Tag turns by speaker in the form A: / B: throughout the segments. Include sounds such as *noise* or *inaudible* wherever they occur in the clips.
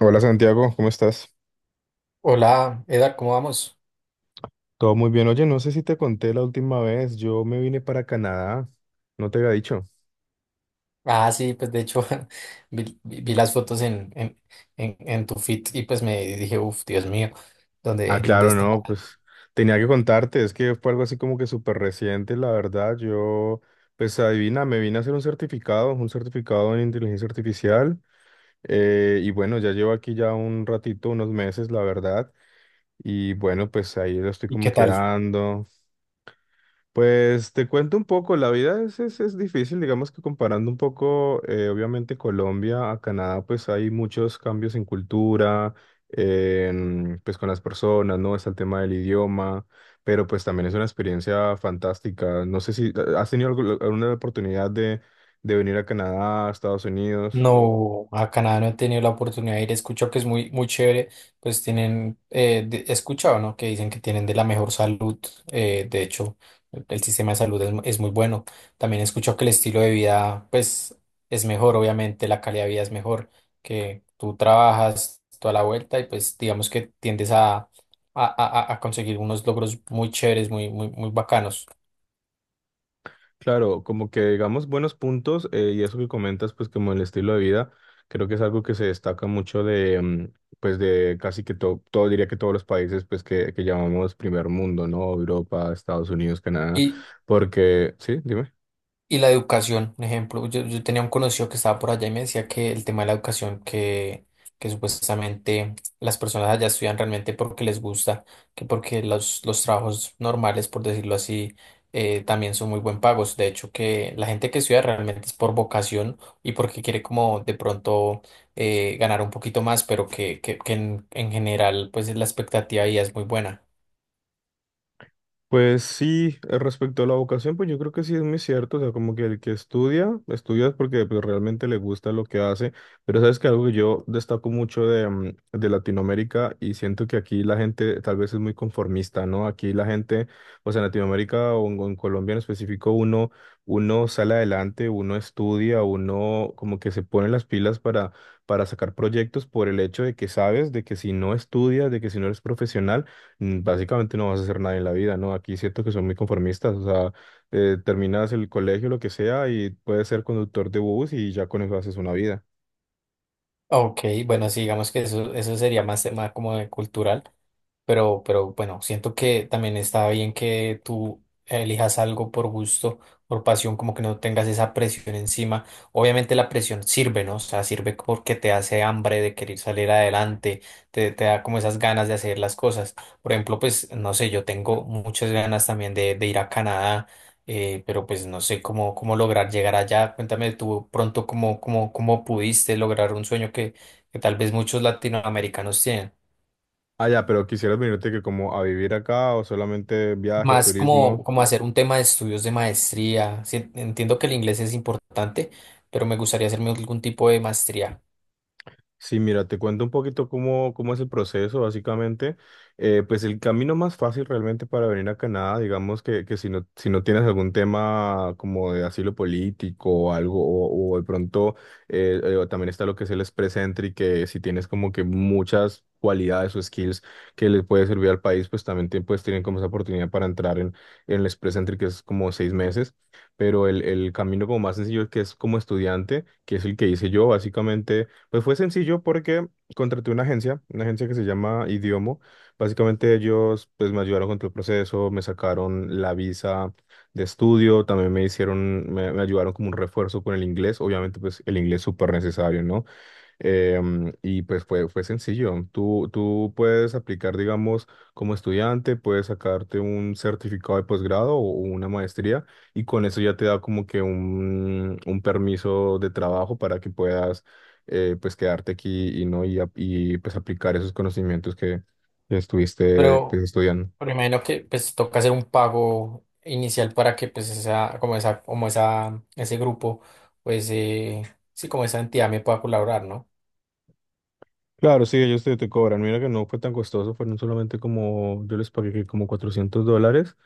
A: Hola Santiago, ¿cómo estás?
B: Hola, Eda, ¿cómo vamos?
A: Todo muy bien. Oye, no sé si te conté la última vez, yo me vine para Canadá, no te había dicho.
B: Ah, sí, pues de hecho *laughs* vi las fotos en tu feed y pues me dije, uff, Dios mío,
A: Ah,
B: ¿dónde
A: claro,
B: está?
A: no, pues tenía que contarte, es que fue algo así como que súper reciente, la verdad. Yo, pues adivina, me vine a hacer un certificado en inteligencia artificial. Y bueno, ya llevo aquí ya un ratito, unos meses, la verdad. Y bueno, pues ahí lo estoy
B: ¿Y
A: como
B: qué tal?
A: quedando. Pues te cuento un poco, la vida es difícil, digamos que comparando un poco, obviamente Colombia a Canadá, pues hay muchos cambios en cultura, pues con las personas, ¿no? Está el tema del idioma, pero pues también es una experiencia fantástica. No sé si has tenido alguna oportunidad de, venir a Canadá, a Estados Unidos.
B: No, a Canadá no he tenido la oportunidad de ir. He escuchado que es muy chévere. Pues tienen, he escuchado, ¿no? Que dicen que tienen de la mejor salud. Eh, de hecho, el sistema de salud es muy bueno. También he escuchado que el estilo de vida, pues, es mejor, obviamente, la calidad de vida es mejor, que tú trabajas toda la vuelta y pues digamos que tiendes a conseguir unos logros muy chéveres, muy bacanos.
A: Claro, como que digamos buenos puntos, y eso que comentas, pues como el estilo de vida, creo que es algo que se destaca mucho de, pues de casi que todo diría que todos los países, pues que llamamos primer mundo, ¿no? Europa, Estados Unidos, Canadá, porque, sí, dime.
B: Y la educación, un ejemplo, yo tenía un conocido que estaba por allá y me decía que el tema de la educación, que supuestamente las personas allá estudian realmente porque les gusta, que porque los trabajos normales, por decirlo así, también son muy buen pagos. De hecho, que la gente que estudia realmente es por vocación y porque quiere como de pronto, ganar un poquito más, pero en general pues la expectativa ya es muy buena.
A: Pues sí, respecto a la vocación, pues yo creo que sí es muy cierto, o sea, como que el que estudia, estudia es porque pues, realmente le gusta lo que hace, pero sabes que algo que yo destaco mucho de, de Latinoamérica, y siento que aquí la gente tal vez es muy conformista, ¿no? Aquí la gente, o sea, en Latinoamérica o en Colombia en específico, uno sale adelante, uno estudia, uno como que se pone las pilas para, sacar proyectos por el hecho de que sabes, de que si no estudias, de que si no eres profesional, básicamente no vas a hacer nada en la vida, ¿no? Aquí siento que son muy conformistas, o sea, terminas el colegio, lo que sea, y puedes ser conductor de bus y ya con eso haces una vida.
B: Ok, bueno, sí, digamos que eso sería más tema como de cultural. Pero bueno, siento que también está bien que tú elijas algo por gusto, por pasión, como que no tengas esa presión encima. Obviamente la presión sirve, ¿no? O sea, sirve porque te hace hambre de querer salir adelante, te da como esas ganas de hacer las cosas. Por ejemplo, pues, no sé, yo tengo muchas ganas también de ir a Canadá, pero pues no sé cómo lograr llegar allá. Cuéntame tú pronto cómo pudiste lograr un sueño que tal vez muchos latinoamericanos tienen.
A: Ah, ya, pero ¿quisieras venirte que como a vivir acá o solamente viaje,
B: Más
A: turismo?
B: como, como hacer un tema de estudios de maestría. Sí, entiendo que el inglés es importante, pero me gustaría hacerme algún tipo de maestría.
A: Sí, mira, te cuento un poquito cómo, es el proceso, básicamente. Pues el camino más fácil realmente para venir a Canadá, digamos que si no tienes algún tema como de asilo político o algo, o de pronto, o también está lo que es el Express Entry, que si tienes como que muchas cualidades o skills que le puede servir al país, pues también pues, tienen como esa oportunidad para entrar en el Express Entry, que es como 6 meses. Pero el camino como más sencillo, que es como estudiante, que es el que hice yo, básicamente. Pues fue sencillo porque contraté una agencia que se llama Idiomo. Básicamente ellos pues me ayudaron con todo el proceso, me sacaron la visa de estudio, también me hicieron, me ayudaron como un refuerzo con el inglés, obviamente pues el inglés es súper necesario, ¿no? Y pues fue, fue sencillo. Tú puedes aplicar, digamos, como estudiante, puedes sacarte un certificado de posgrado o una maestría, y con eso ya te da como que un, permiso de trabajo para que puedas pues quedarte aquí y no y, pues aplicar esos conocimientos que estuviste pues
B: Pero,
A: estudiando.
B: pero imagino que pues toca hacer un pago inicial para que pues ese grupo, pues, sí, como esa entidad me pueda colaborar, ¿no?
A: Claro, sí, ellos te cobran. Mira que no fue tan costoso, fueron solamente como, yo les pagué que como $400.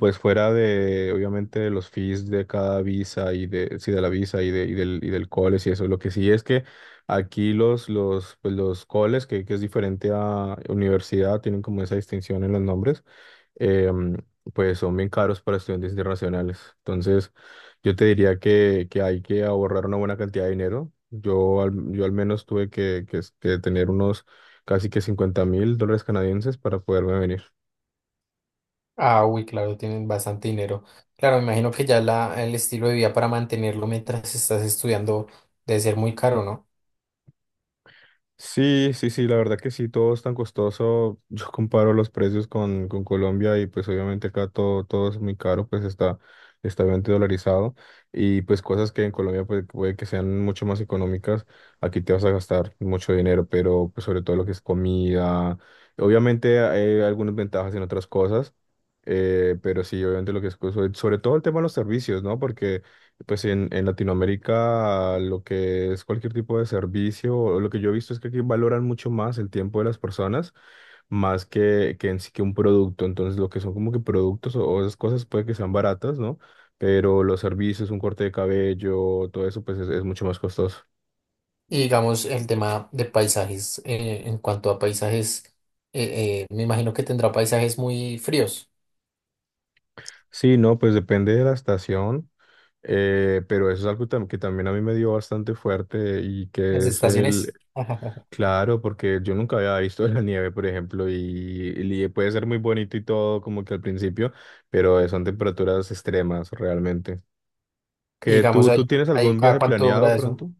A: Pues fuera de, obviamente, de los fees de cada visa y de, sí, de la visa y, de, y del college y eso. Lo que sí es que aquí pues los colleges, que es diferente a universidad, tienen como esa distinción en los nombres. em, pues son bien caros para estudiantes internacionales. Entonces, yo te diría que hay que ahorrar una buena cantidad de dinero. Yo al menos tuve que, que tener unos casi que $50.000 canadienses para poderme venir.
B: Ah, uy, claro, tienen bastante dinero. Claro, me imagino que ya la, el estilo de vida para mantenerlo mientras estás estudiando debe ser muy caro, ¿no?
A: Sí, sí, sí, la verdad que sí, todo es tan costoso. *laughs* Yo comparo los precios con Colombia y pues obviamente acá todo, es muy caro, pues está obviamente dolarizado, y pues cosas que en Colombia pues, puede que sean mucho más económicas, aquí te vas a gastar mucho dinero, pero pues sobre todo lo que es comida. Obviamente hay algunas ventajas en otras cosas, pero sí, obviamente lo que es, pues, sobre todo el tema de los servicios, ¿no? Porque pues en, Latinoamérica lo que es cualquier tipo de servicio, o lo que yo he visto es que aquí valoran mucho más el tiempo de las personas, más que en sí que un producto. Entonces lo que son como que productos, o esas cosas puede que sean baratas, ¿no? Pero los servicios, un corte de cabello, todo eso pues es mucho más costoso.
B: Y digamos, el tema de paisajes, en cuanto a paisajes, me imagino que tendrá paisajes muy fríos,
A: Sí, no, pues depende de la estación, pero eso es algo que también a mí me dio bastante fuerte, y
B: las
A: que es el...
B: estaciones. *laughs*
A: Claro, porque yo nunca había visto la nieve, por ejemplo, y puede ser muy bonito y todo, como que al principio, pero son temperaturas extremas realmente.
B: Y
A: ¿Que
B: digamos,
A: tú tienes
B: ahí,
A: algún
B: ¿cada
A: viaje
B: cuánto
A: planeado
B: dura eso?
A: pronto?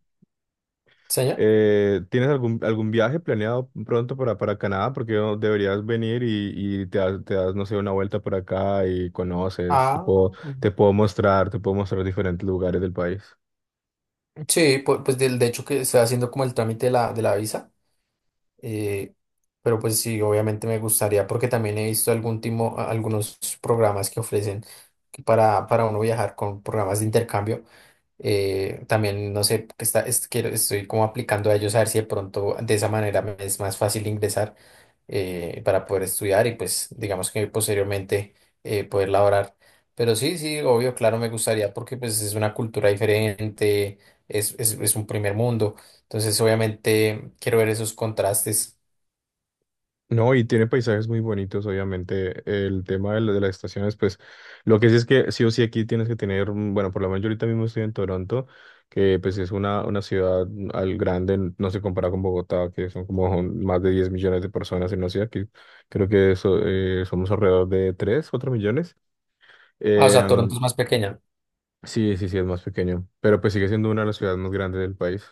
B: ¿Señor?
A: ¿Tienes algún viaje planeado pronto para Canadá? Porque no deberías venir y, y no sé, una vuelta por acá y conoces, te
B: Ah,
A: puedo, te puedo mostrar, te puedo mostrar diferentes lugares del país.
B: sí, pues, del de hecho que está haciendo como el trámite de de la visa, eh, pero pues sí, obviamente me gustaría porque también he visto algunos programas que ofrecen que para uno viajar con programas de intercambio. También no sé, que está, es- quiero- estoy como aplicando a ellos a ver si de pronto de esa manera me es más fácil ingresar, para poder estudiar y pues digamos que posteriormente, poder laborar. Pero sí, sí, obvio, claro, me gustaría porque pues es una cultura diferente, es un primer mundo. Entonces obviamente quiero ver esos contrastes.
A: No, y tiene paisajes muy bonitos, obviamente. El tema de, de las estaciones, pues lo que sí es que sí o sí aquí tienes que tener, bueno, por lo menos yo ahorita mismo estoy en Toronto, que pues es una ciudad al grande, no se compara con Bogotá, que son como más de 10 millones de personas en una ciudad, que creo que eso, somos alrededor de 3, 4 millones.
B: Ah, o
A: Eh,
B: sea,
A: mm,
B: Toronto es más pequeña.
A: sí, sí, sí, es más pequeño, pero pues sigue siendo una de las ciudades más grandes del país.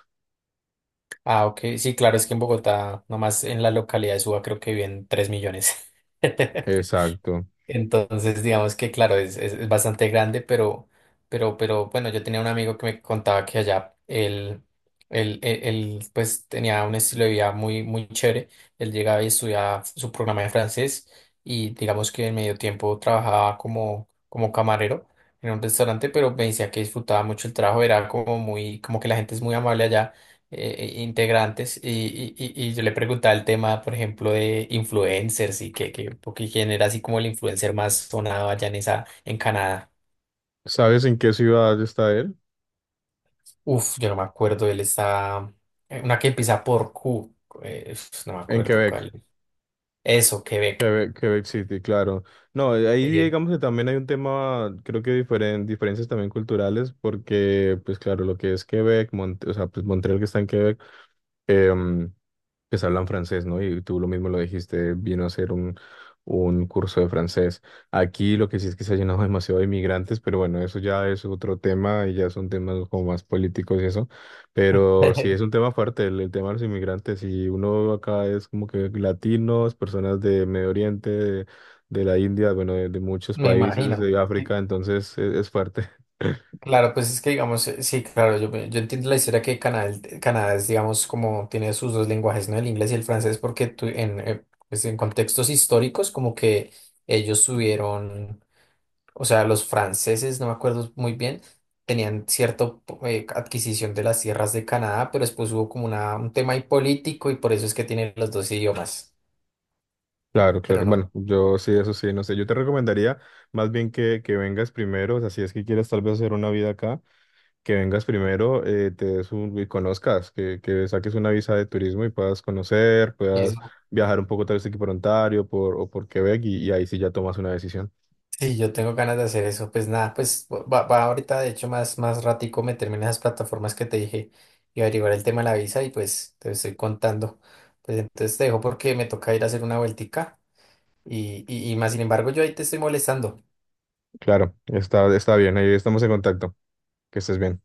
B: Ah, ok, sí, claro, es que en Bogotá, nomás en la localidad de Suba creo que viven 3 millones. *laughs*
A: Exacto.
B: Entonces, digamos que claro, es bastante grande, pero, pero bueno, yo tenía un amigo que me contaba que allá él, pues tenía un estilo de vida muy chévere. Él llegaba y estudiaba su programa de francés y digamos que en medio tiempo trabajaba como, como camarero en un restaurante, pero me decía que disfrutaba mucho el trabajo, era como muy, como que la gente es muy amable allá, integrantes y yo le preguntaba el tema, por ejemplo, de influencers porque quién era así como el influencer más sonado allá en en Canadá.
A: ¿Sabes en qué ciudad está él?
B: Uf, yo no me acuerdo, una que empieza por Q, uf, no me
A: En
B: acuerdo
A: Quebec.
B: cuál. Eso, Quebec.
A: Quebec, Quebec City, claro. No, ahí
B: Eh,
A: digamos que también hay un tema, creo que diferencias también culturales, porque, pues claro, lo que es Quebec, o sea, pues Montreal, que está en Quebec. em, pues hablan francés, ¿no? Y tú lo mismo lo dijiste, vino a hacer un, curso de francés. Aquí lo que sí es que se ha llenado *laughs* demasiado de inmigrantes, pero bueno, eso ya es otro tema y ya son temas como más políticos y eso. Pero sí es
B: *laughs*
A: un tema fuerte el, tema de los inmigrantes, y uno acá es como que latinos, personas de Medio Oriente, de la India, bueno, de muchos
B: me
A: países
B: imagino.
A: de África. Entonces es fuerte.
B: Claro, pues es que digamos, sí, claro, yo entiendo la historia que Canadá, Canadá es, digamos, como tiene sus dos lenguajes, ¿no? El inglés y el francés, porque pues en contextos históricos, como que ellos tuvieron, o sea, los franceses, no me acuerdo muy bien, tenían cierta adquisición de las tierras de Canadá, pero después hubo como una, un tema ahí político y por eso es que tienen los dos idiomas,
A: Claro,
B: pero
A: claro.
B: no.
A: Bueno, yo sí, eso sí, no sé. Yo te recomendaría más bien que vengas primero, o sea, si es que quieres tal vez hacer una vida acá, que vengas primero, te des un, y conozcas, que saques una visa de turismo y puedas conocer, puedas viajar un poco tal vez aquí por Ontario o por Quebec, y ahí sí ya tomas una decisión.
B: Sí, yo tengo ganas de hacer eso. Pues nada, pues va, va ahorita, de hecho, más ratico meterme en esas plataformas que te dije y averiguar el tema de la visa y pues te estoy contando. Pues entonces te dejo porque me toca ir a hacer una vueltica y más sin embargo yo ahí te estoy molestando.
A: Claro, está bien, ahí estamos en contacto. Que estés bien.